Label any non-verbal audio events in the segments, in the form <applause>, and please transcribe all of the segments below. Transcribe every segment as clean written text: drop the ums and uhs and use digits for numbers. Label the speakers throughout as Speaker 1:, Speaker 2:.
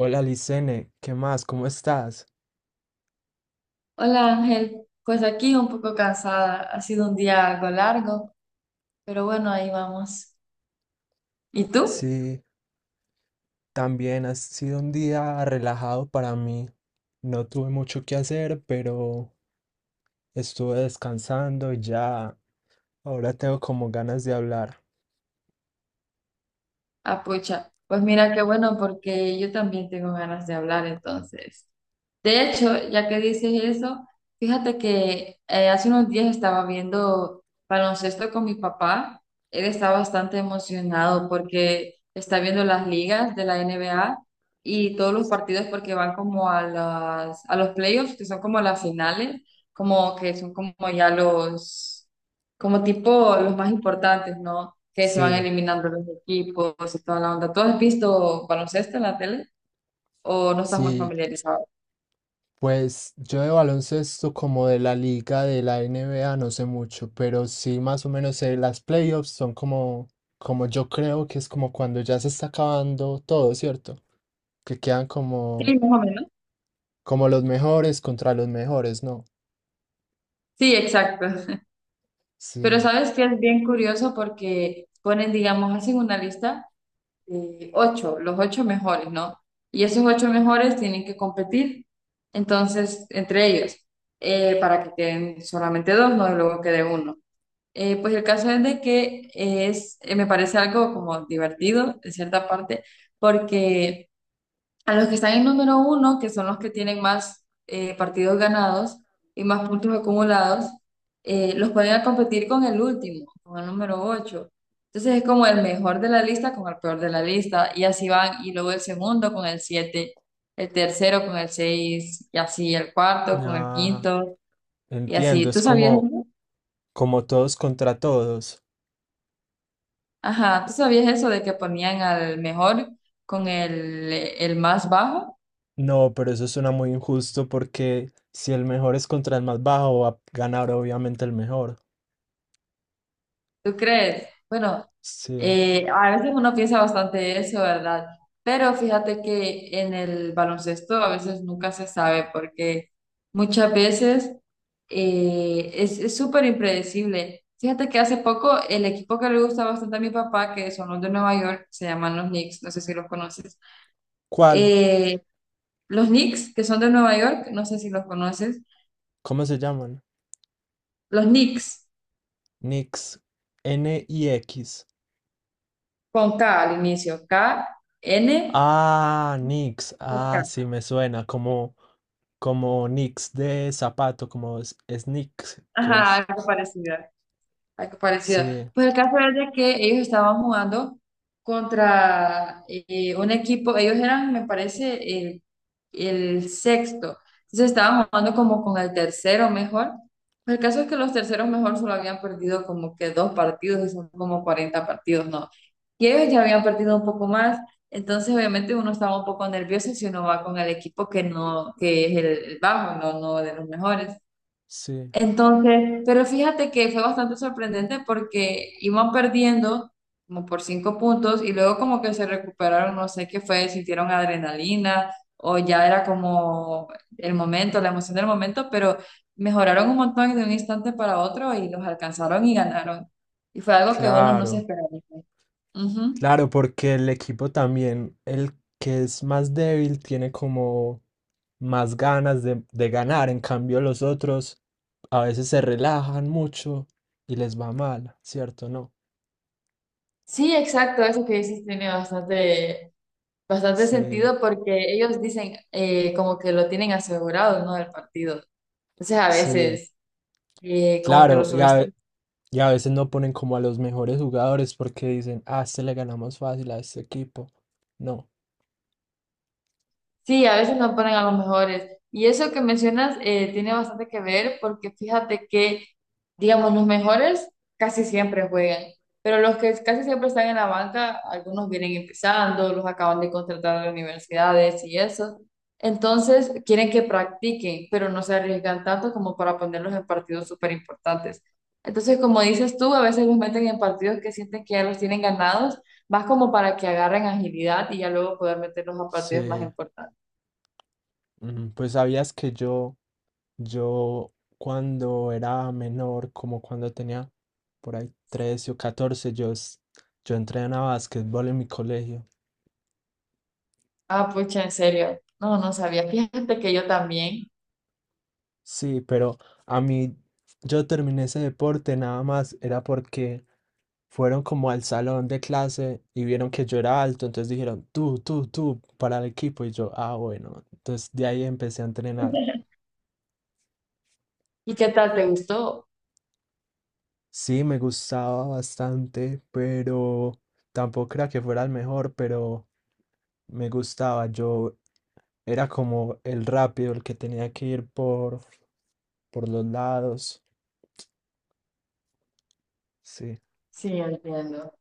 Speaker 1: Hola Licene, ¿qué más? ¿Cómo estás?
Speaker 2: Hola Ángel, pues aquí un poco cansada, ha sido un día algo largo, pero bueno, ahí vamos. ¿Y tú?
Speaker 1: Sí, también ha sido un día relajado para mí. No tuve mucho que hacer, pero estuve descansando y ya ahora tengo como ganas de hablar.
Speaker 2: Apucha, pues mira qué bueno porque yo también tengo ganas de hablar entonces. De hecho, ya que dices eso, fíjate que hace unos días estaba viendo baloncesto con mi papá. Él está bastante emocionado porque está viendo las ligas de la NBA y todos los partidos porque van como a los playoffs, que son como las finales, como que son como tipo los más importantes, ¿no? Que se van
Speaker 1: Sí,
Speaker 2: eliminando los equipos y toda la onda. ¿Tú has visto baloncesto en la tele o no estás muy
Speaker 1: sí,
Speaker 2: familiarizado?
Speaker 1: pues yo de baloncesto como de la liga de la N B A no sé mucho, pero sí más o menos sé, las playoffs son como, como yo creo que es como cuando ya se está acabando todo, ¿cierto? Que quedan como
Speaker 2: Sí, más o menos.
Speaker 1: Como los mejores contra los mejores, ¿no?
Speaker 2: Sí, exacto. Pero
Speaker 1: Sí.
Speaker 2: sabes que es bien curioso porque ponen, digamos, hacen una lista de ocho, los ocho mejores, ¿no? Y esos ocho mejores tienen que competir, entonces, entre ellos, para que queden solamente dos, ¿no? Y luego quede uno. Pues el caso es de que me parece algo como divertido, en cierta parte, porque a los que están en número uno, que son los que tienen más partidos ganados y más puntos acumulados, los ponen a competir con el último, con el número ocho. Entonces es como el mejor de la lista con el peor de la lista, y así van, y luego el segundo con el siete, el tercero con el seis, y así el cuarto con el
Speaker 1: Ah,
Speaker 2: quinto, y
Speaker 1: entiendo,
Speaker 2: así. ¿Tú
Speaker 1: es
Speaker 2: sabías
Speaker 1: como,
Speaker 2: eso?
Speaker 1: como todos contra todos.
Speaker 2: Ajá, ¿tú sabías eso de que ponían al mejor con el más bajo?
Speaker 1: No, pero eso suena muy injusto porque si el mejor es contra el más bajo, va a ganar obviamente el mejor.
Speaker 2: ¿Tú crees? Bueno,
Speaker 1: Sí.
Speaker 2: a veces uno piensa bastante eso, ¿verdad? Pero fíjate que en el baloncesto a veces nunca se sabe porque muchas veces es súper impredecible. Fíjate que hace poco el equipo que le gusta bastante a mi papá, que son los de Nueva York, se llaman los Knicks, no sé si los conoces.
Speaker 1: ¿Cuál?
Speaker 2: Eh, los Knicks, que son de Nueva York, no sé si los conoces.
Speaker 1: ¿Cómo se llaman?
Speaker 2: Los Knicks,
Speaker 1: Nix. N y X.
Speaker 2: con K al inicio, K, N,
Speaker 1: Ah, Nix. Ah,
Speaker 2: K.
Speaker 1: sí, me suena como, como Nix de zapato, como
Speaker 2: Ajá,
Speaker 1: sneakers.
Speaker 2: algo parecido. Algo parecido.
Speaker 1: Sí,
Speaker 2: Pues el caso es de que ellos estaban jugando contra un equipo, ellos eran, me parece, el sexto. Entonces estaban jugando como con el tercero mejor. Pues el caso es que los terceros mejor solo habían perdido como que dos partidos, y son como 40 partidos, ¿no? Y ellos ya habían perdido un poco más. Entonces, obviamente, uno estaba un poco nervioso si uno va con el equipo que no, que es el bajo, no, no de los mejores.
Speaker 1: sí,
Speaker 2: Entonces, pero fíjate que fue bastante sorprendente porque iban perdiendo como por cinco puntos y luego como que se recuperaron, no sé qué fue, sintieron adrenalina o ya era como el momento, la emoción del momento, pero mejoraron un montón de un instante para otro y los alcanzaron y ganaron. Y fue algo que uno no se
Speaker 1: claro.
Speaker 2: esperaba. Ujú.
Speaker 1: Claro, porque el equipo también, el que es más débil, tiene como más ganas de ganar. En cambio, los otros a veces se relajan mucho y les va mal, ¿cierto? No.
Speaker 2: Sí, exacto, eso que dices tiene bastante, bastante
Speaker 1: Sí,
Speaker 2: sentido porque ellos dicen como que lo tienen asegurado, ¿no? Del partido. Entonces a
Speaker 1: sí,
Speaker 2: veces como que lo
Speaker 1: claro.
Speaker 2: subestimo.
Speaker 1: Y a veces no ponen como a los mejores jugadores porque dicen, ah, a este le ganamos fácil a este equipo. No.
Speaker 2: Sí, a veces no ponen a los mejores. Y eso que mencionas tiene bastante que ver porque fíjate que, digamos, los mejores casi siempre juegan, pero los que casi siempre están en la banca, algunos vienen empezando, los acaban de contratar a las universidades y eso. Entonces, quieren que practiquen, pero no se arriesgan tanto como para ponerlos en partidos súper importantes. Entonces, como dices tú, a veces los meten en partidos que sienten que ya los tienen ganados, más como para que agarren agilidad y ya luego poder meterlos a partidos más
Speaker 1: Sí.
Speaker 2: importantes.
Speaker 1: Ujú. Pues sabías que yo cuando era menor, como cuando tenía por ahí 13 o 14, yo entrenaba básquetbol en mi colegio.
Speaker 2: Ah, pucha, en serio. No, no sabía. Fíjate que yo también.
Speaker 1: Sí, pero a mí yo terminé ese deporte nada más, era porque fueron como al salón de clase y vieron que yo era alto, entonces dijeron, tú, para el equipo. Y yo, ah, bueno, entonces de ahí empecé a entrenar.
Speaker 2: ¿Y qué tal te gustó?
Speaker 1: Sí, me gustaba bastante, pero tampoco era que fuera el mejor, pero me gustaba. Yo era como el rápido, el que tenía que ir por los lados. Sí.
Speaker 2: Sí, entiendo.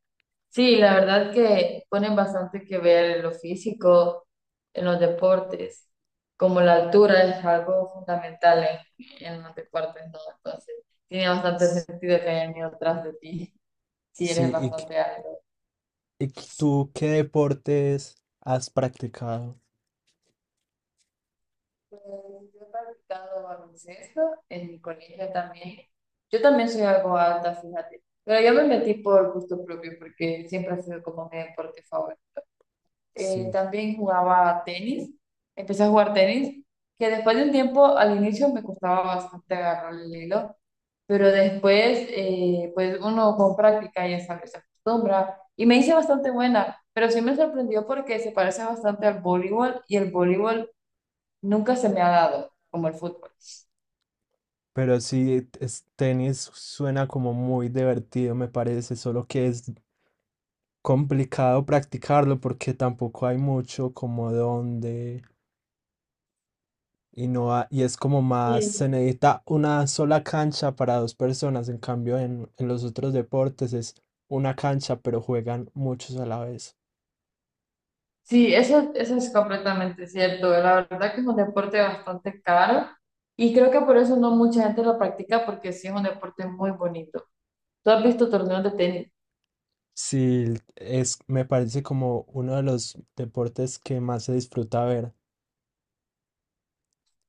Speaker 2: Sí, la verdad que ponen bastante que ver en lo físico, en los deportes, como la altura es algo fundamental en los deportes, ¿no? Entonces, tiene bastante
Speaker 1: S-
Speaker 2: sentido que hayan ido atrás de ti <laughs> si eres
Speaker 1: Sí, ¿y, qué-
Speaker 2: bastante alto.
Speaker 1: y qué- tú qué deportes has practicado?
Speaker 2: Pues, yo he practicado baloncesto en mi colegio también. Yo también soy algo alta, fíjate. Pero yo me metí por gusto propio porque siempre ha sido como mi deporte favorito.
Speaker 1: Sí,
Speaker 2: También jugaba tenis. Empecé a jugar tenis, que después de un tiempo, al inicio me costaba bastante agarrar el hilo, pero después, pues uno con práctica ya sabe, se acostumbra. Y me hice bastante buena, pero sí me sorprendió porque se parece bastante al voleibol y el voleibol nunca se me ha dado como el fútbol.
Speaker 1: pero sí, tenis suena como muy divertido, me parece, solo que es complicado practicarlo porque tampoco hay mucho como donde… Y no ha- Y es como más, se
Speaker 2: Sí.
Speaker 1: necesita una sola cancha para dos personas. En cambio, en los otros deportes es una cancha, pero juegan muchos a la vez.
Speaker 2: Sí, eso es completamente cierto. La verdad que es un deporte bastante caro y creo que por eso no mucha gente lo practica porque sí es un deporte muy bonito. ¿Tú has visto torneos de tenis?
Speaker 1: Sí, es, me parece como uno de los deportes que más se disfruta ver.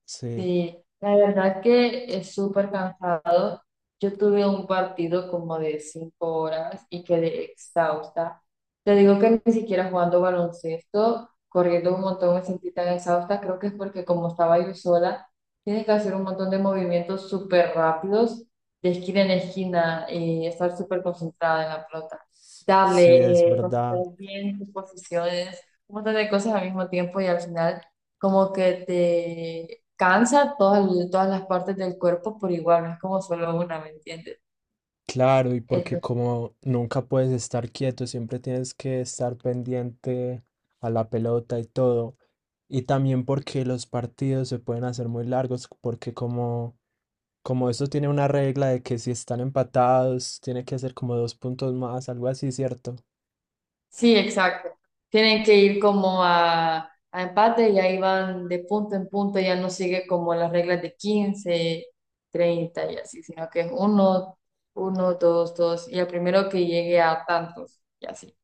Speaker 1: Sí,
Speaker 2: Sí, la verdad que es súper cansado. Yo tuve un partido como de 5 horas y quedé exhausta. Te digo que ni siquiera jugando baloncesto, corriendo un montón me sentí tan exhausta. Creo que es porque como estaba yo sola, tienes que hacer un montón de movimientos súper rápidos, de esquina en esquina, y estar súper concentrada en la pelota.
Speaker 1: sí, es
Speaker 2: Darle, concentrar
Speaker 1: verdad.
Speaker 2: bien tus posiciones, un montón de cosas al mismo tiempo y al final como que cansa todas, todas las partes del cuerpo por igual, no es como solo una, ¿me entiendes?
Speaker 1: Claro, y porque
Speaker 2: Entonces,
Speaker 1: como nunca puedes estar quieto, siempre tienes que estar pendiente a la pelota y todo. Y también porque los partidos se pueden hacer muy largos, porque como como eso tiene una regla de que si están empatados, tiene que hacer como dos puntos más, algo así, ¿cierto?
Speaker 2: sí, exacto. Tienen que ir como a empate y ahí van de punto en punto, ya no sigue como las reglas de 15-30 y así, sino que es uno, uno, dos, dos, y el primero que llegue a tantos, y así.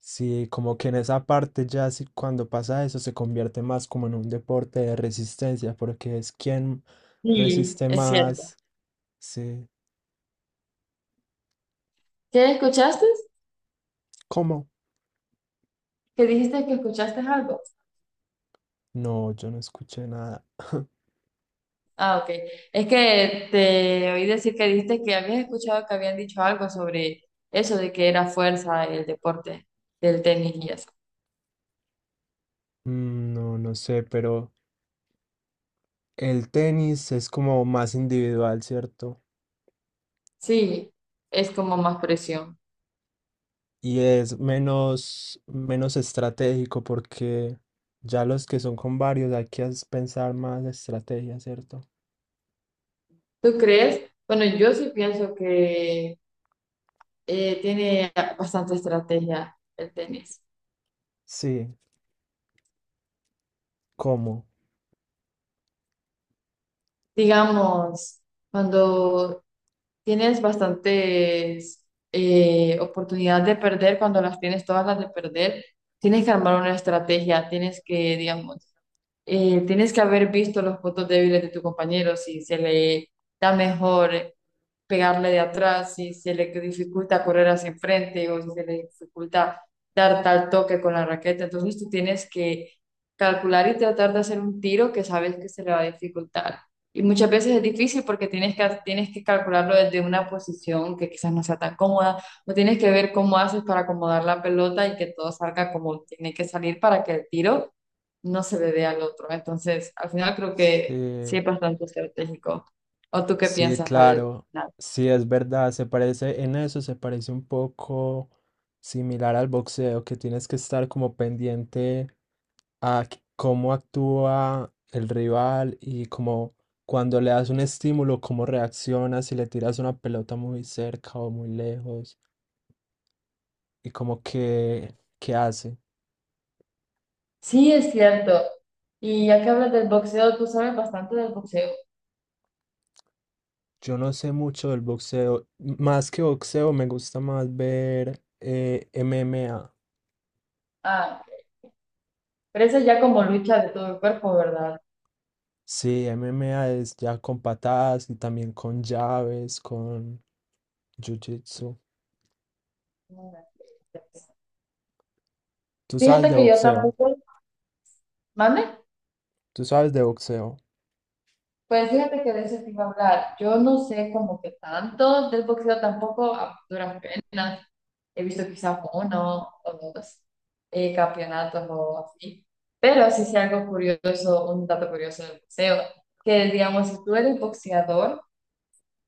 Speaker 1: Sí, como que en esa parte ya sí, cuando pasa eso se convierte más como en un deporte de resistencia, porque es quien
Speaker 2: Sí,
Speaker 1: resiste
Speaker 2: es cierto.
Speaker 1: más. Sí.
Speaker 2: ¿Qué escuchaste?
Speaker 1: ¿Cómo?
Speaker 2: ¿Qué dijiste que escuchaste algo?
Speaker 1: No, yo no escuché nada. <laughs>
Speaker 2: Ah, ok. Es que te oí decir que dijiste que habías escuchado que habían dicho algo sobre eso de que era fuerza el deporte del tenis y eso.
Speaker 1: Mm. No, no sé, pero el tenis es como más individual, ¿cierto?
Speaker 2: Sí, es como más presión.
Speaker 1: Y es menos, menos estratégico porque ya los que son con varios hay que pensar más estrategia, ¿cierto?
Speaker 2: ¿Tú crees? Bueno, yo sí pienso que tiene bastante estrategia el tenis.
Speaker 1: Sí, ¿cómo?
Speaker 2: Digamos, cuando tienes bastantes oportunidades de perder, cuando las tienes todas las de perder, tienes que armar una estrategia, tienes que, digamos, tienes que haber visto los puntos débiles de tu compañero, si se le da mejor pegarle de atrás, si se le dificulta correr hacia enfrente o si se le dificulta dar tal toque con la raqueta. Entonces tú tienes que calcular y tratar de hacer un tiro que sabes que se le va a dificultar. Y muchas veces es difícil porque tienes que calcularlo desde una posición que quizás no sea tan cómoda, o tienes que ver cómo haces para acomodar la pelota y que todo salga como tiene que salir para que el tiro no se le dé al otro. Entonces, al final creo que sí
Speaker 1: Sí,
Speaker 2: es bastante estratégico. ¿O tú qué
Speaker 1: sí,
Speaker 2: piensas al
Speaker 1: claro.
Speaker 2: final?
Speaker 1: Sí, es verdad. Se parece, en eso se parece un poco similar al boxeo, que tienes que estar como pendiente. ¿Cómo actúa el rival y cómo cuando le das un estímulo, cómo reacciona, si le tiras una pelota muy cerca o muy lejos y como que qué hace?
Speaker 2: Sí, es cierto. Y ya que hablas del boxeo, tú sabes bastante del boxeo.
Speaker 1: Yo no sé mucho del boxeo, más que boxeo me gusta más ver MMA.
Speaker 2: Ah, pero eso es ya como lucha de todo el cuerpo, ¿verdad?
Speaker 1: Sí, MMA es ya con patadas y también con llaves, con jiu-jitsu. ¿Tú sabes
Speaker 2: Fíjate
Speaker 1: de
Speaker 2: que yo
Speaker 1: boxeo?
Speaker 2: tampoco, ¿mande?
Speaker 1: ¿Tú sabes de boxeo?
Speaker 2: Pues fíjate que de eso te iba a hablar. Yo no sé como que tanto del boxeo tampoco a duras penas. He visto quizás uno o dos campeonatos o así. Pero sí sé algo curioso, un dato curioso del boxeo, que digamos, si tú eres boxeador,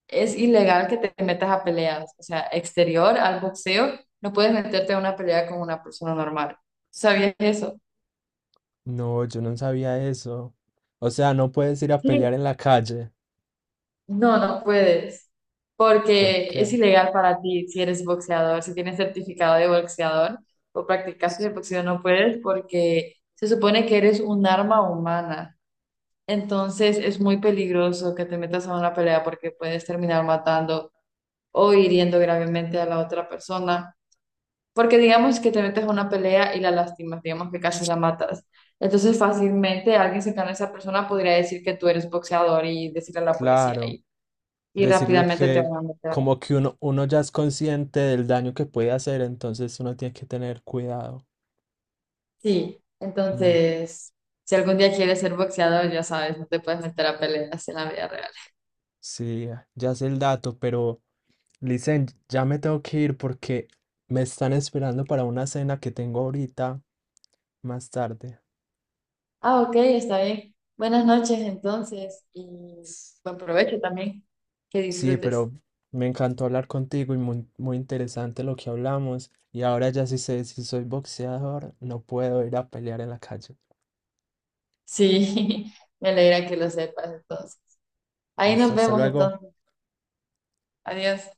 Speaker 2: es ilegal que te metas a peleas. O sea, exterior al boxeo, no puedes meterte a una pelea con una persona normal. ¿Sabías eso?
Speaker 1: No, yo no sabía eso. O sea, no puedes ir a
Speaker 2: Sí.
Speaker 1: pelear en la calle.
Speaker 2: No, no puedes,
Speaker 1: ¿Por
Speaker 2: porque es
Speaker 1: qué?
Speaker 2: ilegal para ti si eres boxeador, si tienes certificado de boxeador o practicaste el
Speaker 1: Sí.
Speaker 2: boxeo, no puedes porque se supone que eres un arma humana. Entonces es muy peligroso que te metas a una pelea porque puedes terminar matando o hiriendo gravemente a la otra persona. Porque digamos que te metes a una pelea y la lastimas, digamos que casi la matas. Entonces fácilmente alguien cercano a esa persona podría decir que tú eres boxeador y decirle a la policía
Speaker 1: Claro,
Speaker 2: y
Speaker 1: decirle
Speaker 2: rápidamente te
Speaker 1: que
Speaker 2: van a meter.
Speaker 1: como que uno ya es consciente del daño que puede hacer, entonces uno tiene que tener cuidado.
Speaker 2: Sí,
Speaker 1: Mm,
Speaker 2: entonces, si algún día quieres ser boxeador, ya sabes, no te puedes meter a peleas en la vida real.
Speaker 1: sí, ya sé el dato, pero Licen, ya me tengo que ir porque me están esperando para una cena que tengo ahorita más tarde.
Speaker 2: Ah, ok, está bien. Buenas noches entonces y buen provecho también. Que
Speaker 1: Sí,
Speaker 2: disfrutes.
Speaker 1: pero me encantó hablar contigo y muy, muy interesante lo que hablamos. Y ahora ya sí sé si soy boxeador, no puedo ir a pelear en la calle.
Speaker 2: Sí, <laughs> me alegra que lo sepas entonces. Ahí
Speaker 1: Listo,
Speaker 2: nos
Speaker 1: hasta
Speaker 2: vemos
Speaker 1: luego.
Speaker 2: entonces. Adiós.